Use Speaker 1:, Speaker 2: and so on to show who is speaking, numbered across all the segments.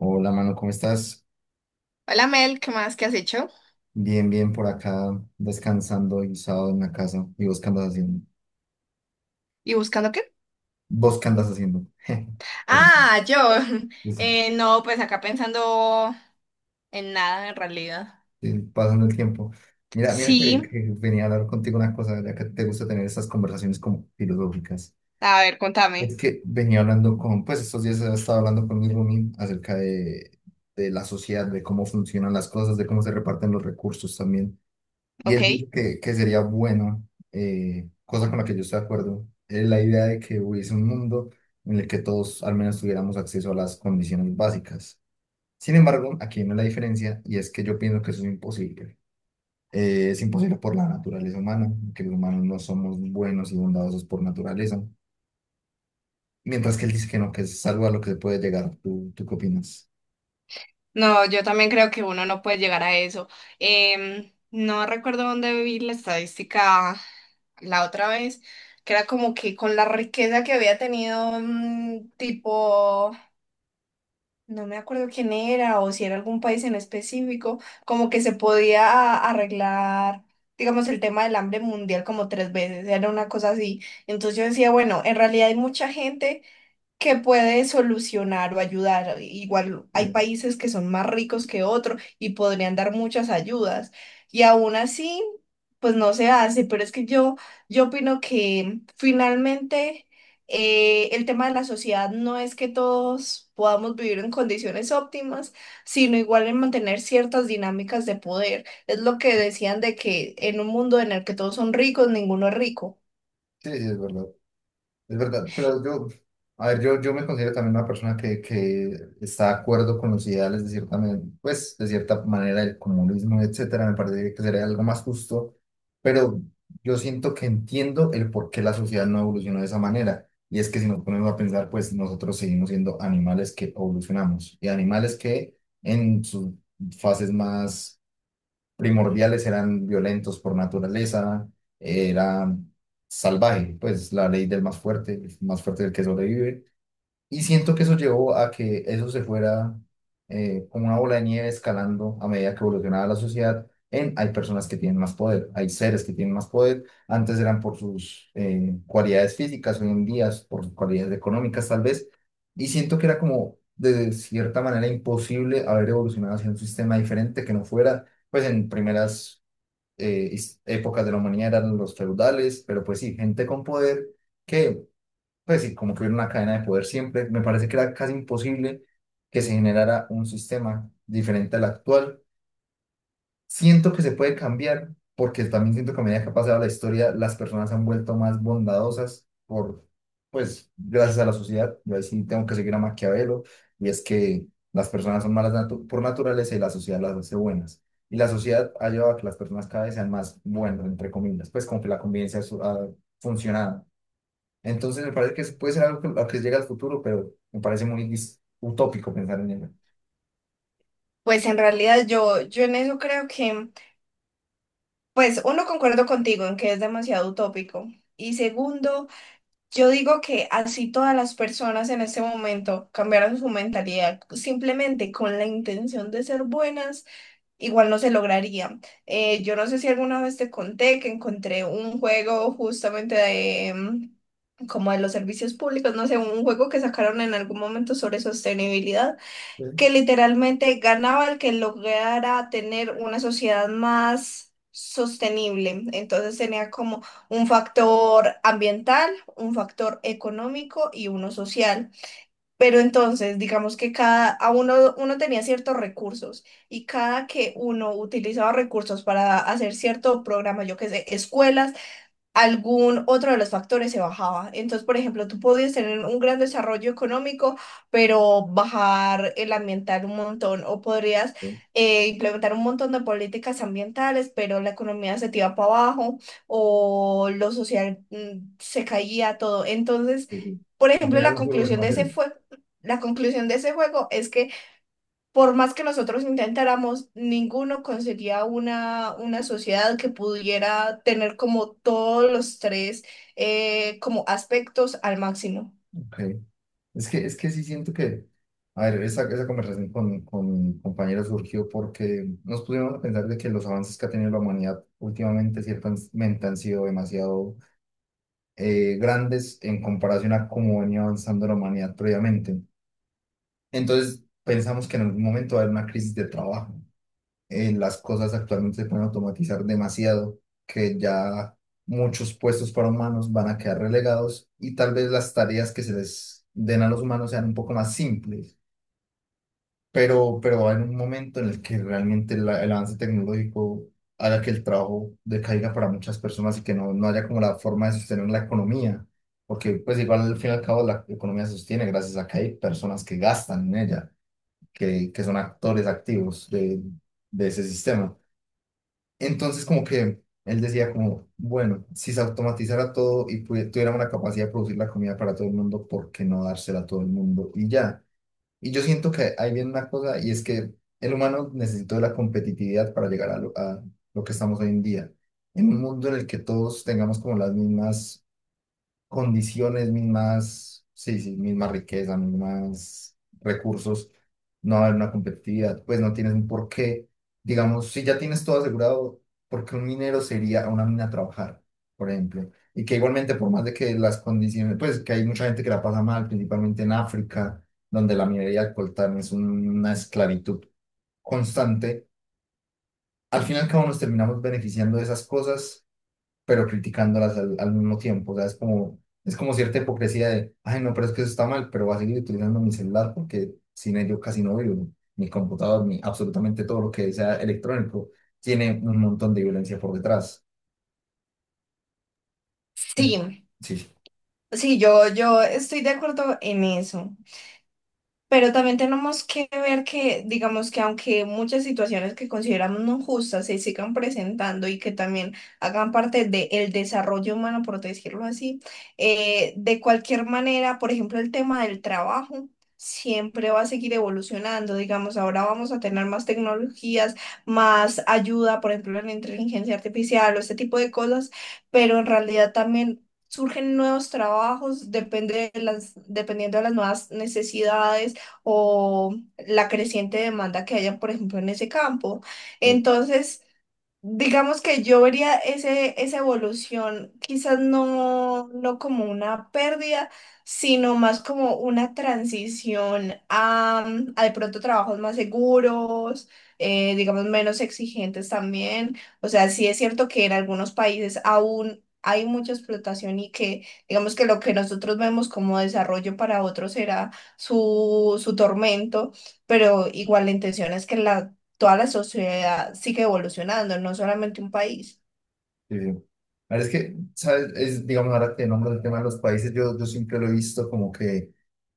Speaker 1: Hola, mano, ¿cómo estás?
Speaker 2: Hola Mel, ¿qué más? ¿Qué has hecho?
Speaker 1: Bien, bien por acá, descansando y sábado en la casa. ¿Y vos qué andas haciendo?
Speaker 2: ¿Y buscando qué?
Speaker 1: ¿Vos qué andas haciendo? Perdón.
Speaker 2: Ah, yo.
Speaker 1: Sí,
Speaker 2: No, pues acá pensando en nada en realidad.
Speaker 1: sí, pasando el tiempo. Mira que,
Speaker 2: Sí,
Speaker 1: que venía a hablar contigo una cosa, ya que te gusta tener estas conversaciones como filosóficas.
Speaker 2: a ver,
Speaker 1: Es
Speaker 2: contame,
Speaker 1: que venía hablando con, pues estos días estaba hablando con mi roomie acerca de la sociedad, de cómo funcionan las cosas, de cómo se reparten los recursos también. Y
Speaker 2: ¿ok?
Speaker 1: él dice que sería bueno, cosa con la que yo estoy de acuerdo, es la idea de que hubiese un mundo en el que todos al menos tuviéramos acceso a las condiciones básicas. Sin embargo, aquí viene la diferencia y es que yo pienso que eso es imposible. Es imposible por la naturaleza humana, que los humanos no somos buenos y bondadosos por naturaleza. Mientras que él dice que no, que es algo a lo que se puede llegar. ¿Tú qué opinas?
Speaker 2: No, yo también creo que uno no puede llegar a eso. No recuerdo dónde vi la estadística la otra vez, que era como que con la riqueza que había tenido, tipo, no me acuerdo quién era o si era algún país en específico, como que se podía arreglar, digamos, el tema del hambre mundial como tres veces, era una cosa así. Entonces yo decía, bueno, en realidad hay mucha gente que puede solucionar o ayudar. Igual
Speaker 1: Sí,
Speaker 2: hay
Speaker 1: sí,
Speaker 2: países que son más ricos que otros y podrían dar muchas ayudas. Y aún así, pues no se hace. Pero es que yo opino que finalmente el tema de la sociedad no es que todos podamos vivir en condiciones óptimas, sino igual en mantener ciertas dinámicas de poder. Es lo que decían de que en un mundo en el que todos son ricos, ninguno es rico.
Speaker 1: sí, es verdad. Es verdad, pero yo, a ver, yo me considero también una persona que está de acuerdo con los ideales de cierta, pues, de cierta manera, el comunismo, etcétera. Me parece que sería algo más justo, pero yo siento que entiendo el por qué la sociedad no evolucionó de esa manera. Y es que si nos ponemos a pensar, pues nosotros seguimos siendo animales que evolucionamos y animales que en sus fases más primordiales eran violentos por naturaleza, era salvaje, pues la ley del más fuerte, el más fuerte es el que sobrevive. Y siento que eso llevó a que eso se fuera como una bola de nieve escalando a medida que evolucionaba la sociedad en hay personas que tienen más poder, hay seres que tienen más poder. Antes eran por sus cualidades físicas, hoy en día es por sus cualidades económicas tal vez. Y siento que era como de cierta manera imposible haber evolucionado hacia un sistema diferente que no fuera, pues en primeras épocas de la humanidad eran los feudales, pero pues sí, gente con poder que pues sí, como que hubiera una cadena de poder siempre. Me parece que era casi imposible que se generara un sistema diferente al actual. Siento que se puede cambiar, porque también siento que a medida que ha pasado la historia, las personas se han vuelto más bondadosas por, pues, gracias a la sociedad. Yo ahí sí tengo que seguir a Maquiavelo, y es que las personas son malas por naturaleza y la sociedad las hace buenas. Y la sociedad ha llevado a que las personas cada vez sean más buenas, entre comillas, pues como que la convivencia ha funcionado, entonces me parece que eso puede ser algo que, a lo que llega al futuro, pero me parece muy utópico pensar en ello.
Speaker 2: Pues en realidad yo en eso creo que, pues uno, concuerdo contigo en que es demasiado utópico. Y segundo, yo digo que así todas las personas en este momento cambiaran su mentalidad simplemente con la intención de ser buenas, igual no se lograría. Yo no sé si alguna vez te conté que encontré un juego justamente de, como de los servicios públicos, no sé, un juego que sacaron en algún momento sobre sostenibilidad que
Speaker 1: Sí.
Speaker 2: literalmente ganaba el que lograra tener una sociedad más sostenible. Entonces tenía como un factor ambiental, un factor económico y uno social. Pero entonces, digamos que cada uno tenía ciertos recursos y cada que uno utilizaba recursos para hacer cierto programa, yo qué sé, escuelas, algún otro de los factores se bajaba. Entonces, por ejemplo, tú podías tener un gran desarrollo económico, pero bajar el ambiental un montón, o podrías
Speaker 1: Sí,
Speaker 2: implementar un montón de políticas ambientales, pero la economía se te iba para abajo, o lo social se caía todo. Entonces,
Speaker 1: sí, sí.
Speaker 2: por
Speaker 1: Al
Speaker 2: ejemplo, la
Speaker 1: final un juego de
Speaker 2: conclusión de
Speaker 1: más
Speaker 2: ese
Speaker 1: cero.
Speaker 2: fue... La conclusión de ese juego es que por más que nosotros intentáramos, ninguno conseguía una sociedad que pudiera tener como todos los tres como aspectos al máximo.
Speaker 1: Ok. Es que sí siento que, a ver, esa conversación con compañeros surgió porque nos pusimos a pensar de que los avances que ha tenido la humanidad últimamente ciertamente han sido demasiado grandes en comparación a cómo venía avanzando la humanidad previamente. Entonces pensamos que en algún momento va a haber una crisis de trabajo, las cosas actualmente se pueden automatizar demasiado, que ya muchos puestos para humanos van a quedar relegados y tal vez las tareas que se les den a los humanos sean un poco más simples, pero va a haber un momento en el que realmente el avance tecnológico haga que el trabajo decaiga para muchas personas y que no, no haya como la forma de sostener la economía. Porque pues igual al fin y al cabo la economía se sostiene gracias a que hay personas que gastan en ella, que son actores activos de ese sistema. Entonces, como que él decía como, bueno, si se automatizara todo y tuviéramos la capacidad de producir la comida para todo el mundo, ¿por qué no dársela a todo el mundo? Y ya. Y yo siento que ahí viene una cosa y es que el humano necesitó de la competitividad para llegar a lo que estamos hoy en día. En un mundo en el que todos tengamos como las mismas condiciones, mismas, sí, sí, misma riqueza, mismas recursos, no va a haber una competitividad, pues no tienes un porqué, digamos, si ya tienes todo asegurado, ¿porque un minero sería a una mina a trabajar, por ejemplo? Y que igualmente, por más de que las condiciones, pues que hay mucha gente que la pasa mal, principalmente en África, donde la minería de coltán es una esclavitud constante, al final cada uno nos terminamos beneficiando de esas cosas pero criticándolas al, al mismo tiempo. O sea, es como cierta hipocresía de, ay, no, pero es que eso está mal, pero voy a seguir utilizando mi celular porque sin ello casi no vivo. Mi computador, mi, absolutamente todo lo que sea electrónico, tiene un montón de violencia por detrás.
Speaker 2: Sí,
Speaker 1: Sí.
Speaker 2: sí, yo estoy de acuerdo en eso. Pero también tenemos que ver que, digamos que aunque muchas situaciones que consideramos no justas se sigan presentando y que también hagan parte del desarrollo humano, por decirlo así, de cualquier manera, por ejemplo, el tema del trabajo siempre va a seguir evolucionando. Digamos, ahora vamos a tener más tecnologías, más ayuda, por ejemplo, en la inteligencia artificial o este tipo de cosas, pero en realidad también... Surgen nuevos trabajos, depende de dependiendo de las nuevas necesidades o la creciente demanda que haya, por ejemplo, en ese campo. Entonces, digamos que yo vería esa evolución quizás no como una pérdida, sino más como una transición a de pronto trabajos más seguros, digamos menos exigentes también. O sea, sí es cierto que en algunos países aún hay mucha explotación y que digamos que lo que nosotros vemos como desarrollo para otros será su tormento, pero igual la intención es que la toda la sociedad sigue evolucionando, no solamente un país.
Speaker 1: Sí, sí. A ver, es que, ¿sabes? Es, digamos, ahora que nombras el tema de los países, yo siempre lo he visto como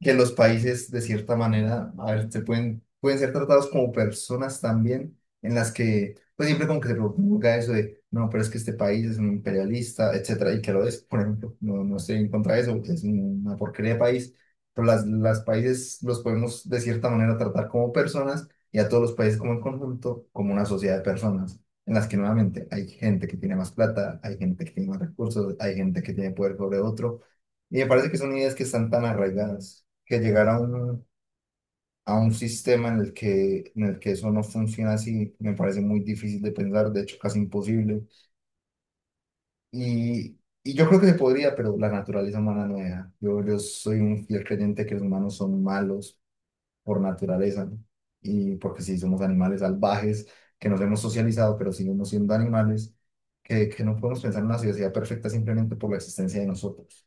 Speaker 1: que los países, de cierta manera, a ver, se pueden, pueden ser tratados como personas también, en las que, pues siempre como que se proponga eso de, no, pero es que este país es un imperialista, etcétera, y que lo es, por ejemplo, no, no estoy en contra de eso, es una porquería de país, pero las países los podemos, de cierta manera, tratar como personas y a todos los países como en conjunto, como una sociedad de personas en las que nuevamente hay gente que tiene más plata, hay gente que tiene más recursos, hay gente que tiene poder sobre otro. Y me parece que son ideas que están tan arraigadas que llegar a un sistema en el que eso no funciona así me parece muy difícil de pensar, de hecho casi imposible. Y yo creo que se podría, pero la naturaleza humana no deja. Yo soy un fiel creyente que los humanos son malos por naturaleza, ¿no? Y porque sí somos animales salvajes, que nos hemos socializado, pero seguimos siendo animales, que no podemos pensar en una sociedad perfecta simplemente por la existencia de nosotros.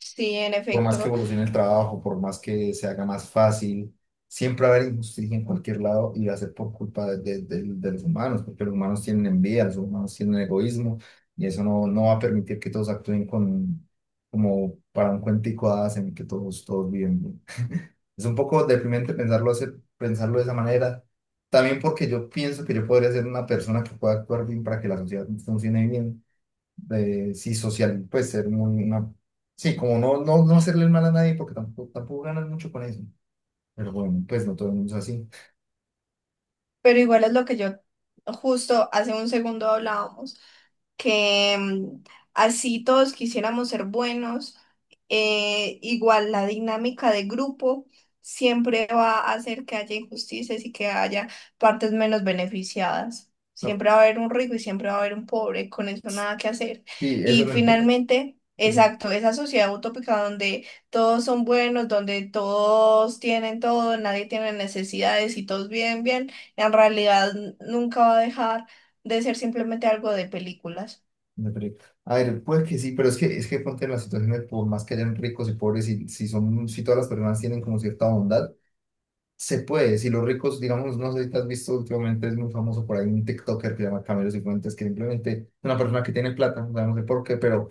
Speaker 2: Sí, en
Speaker 1: Por más que
Speaker 2: efecto,
Speaker 1: evolucione el trabajo, por más que se haga más fácil, siempre va a haber injusticia en cualquier lado y va a ser por culpa de, de los humanos, porque los humanos tienen envidia, los humanos tienen egoísmo, y eso no, no va a permitir que todos actúen con, como para un cuentico de hadas en el que todos, todos viven bien. Es un poco deprimente pensarlo, pensarlo de esa manera. También porque yo pienso que yo podría ser una persona que pueda actuar bien para que la sociedad funcione bien. De sí, social, pues ser muy una... Sí, como no, no, no hacerle el mal a nadie porque tampoco, tampoco ganas mucho con eso. Pero bueno, pues no todo el mundo es así.
Speaker 2: pero igual es lo que yo justo hace un segundo hablábamos, que así todos quisiéramos ser buenos, igual la dinámica de grupo siempre va a hacer que haya injusticias y que haya partes menos beneficiadas.
Speaker 1: No.
Speaker 2: Siempre va a haber un rico y siempre va a haber un pobre, con eso nada que hacer.
Speaker 1: Sí, eso
Speaker 2: Y
Speaker 1: lo entiendo.
Speaker 2: finalmente,
Speaker 1: Sí,
Speaker 2: exacto, esa sociedad utópica donde todos son buenos, donde todos tienen todo, nadie tiene necesidades y todos viven bien. En realidad nunca va a dejar de ser simplemente algo de películas.
Speaker 1: me perdí. A ver, puede que sí, pero es que ponte en las situaciones por más que hayan ricos y pobres, si, si son, si todas las personas tienen como cierta bondad. Se puede, si los ricos, digamos, no sé si te has visto últimamente, es muy famoso por ahí un TikToker que se llama Camilo Cifuentes, que simplemente es una persona que tiene plata, o sea, no sé por qué, pero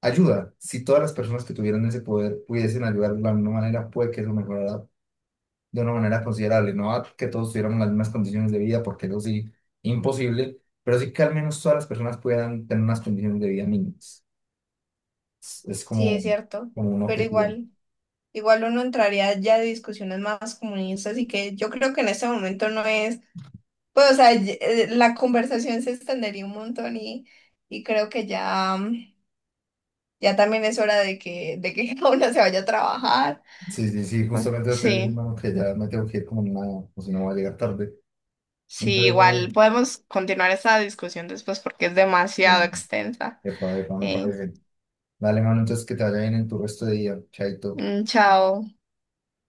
Speaker 1: ayuda. Si todas las personas que tuvieran ese poder pudiesen ayudar de la misma manera, puede que eso mejorara de una manera considerable. No a que todos tuviéramos las mismas condiciones de vida, porque eso sí, imposible, pero sí que al menos todas las personas pudieran tener unas condiciones de vida mínimas. Es
Speaker 2: Sí, es
Speaker 1: como,
Speaker 2: cierto,
Speaker 1: como un
Speaker 2: pero
Speaker 1: objetivo.
Speaker 2: igual, igual uno entraría ya de discusiones más comunistas y que yo creo que en este momento no es, pues o sea, la conversación se extendería un montón y creo que ya, ya también es hora de que cada uno se vaya a trabajar.
Speaker 1: Sí, sí, sí,
Speaker 2: Bueno,
Speaker 1: justamente lo te voy a decir,
Speaker 2: sí,
Speaker 1: hermano, que ya me tengo que ir como nada, o si no voy a llegar tarde.
Speaker 2: sí,
Speaker 1: Entonces,
Speaker 2: igual
Speaker 1: no,
Speaker 2: podemos continuar esta discusión después porque es demasiado
Speaker 1: eh,
Speaker 2: extensa.
Speaker 1: epa, epa, me
Speaker 2: Eh,
Speaker 1: parece. Dale, mano, entonces que te vaya bien en tu resto de día. Chaito.
Speaker 2: Chao.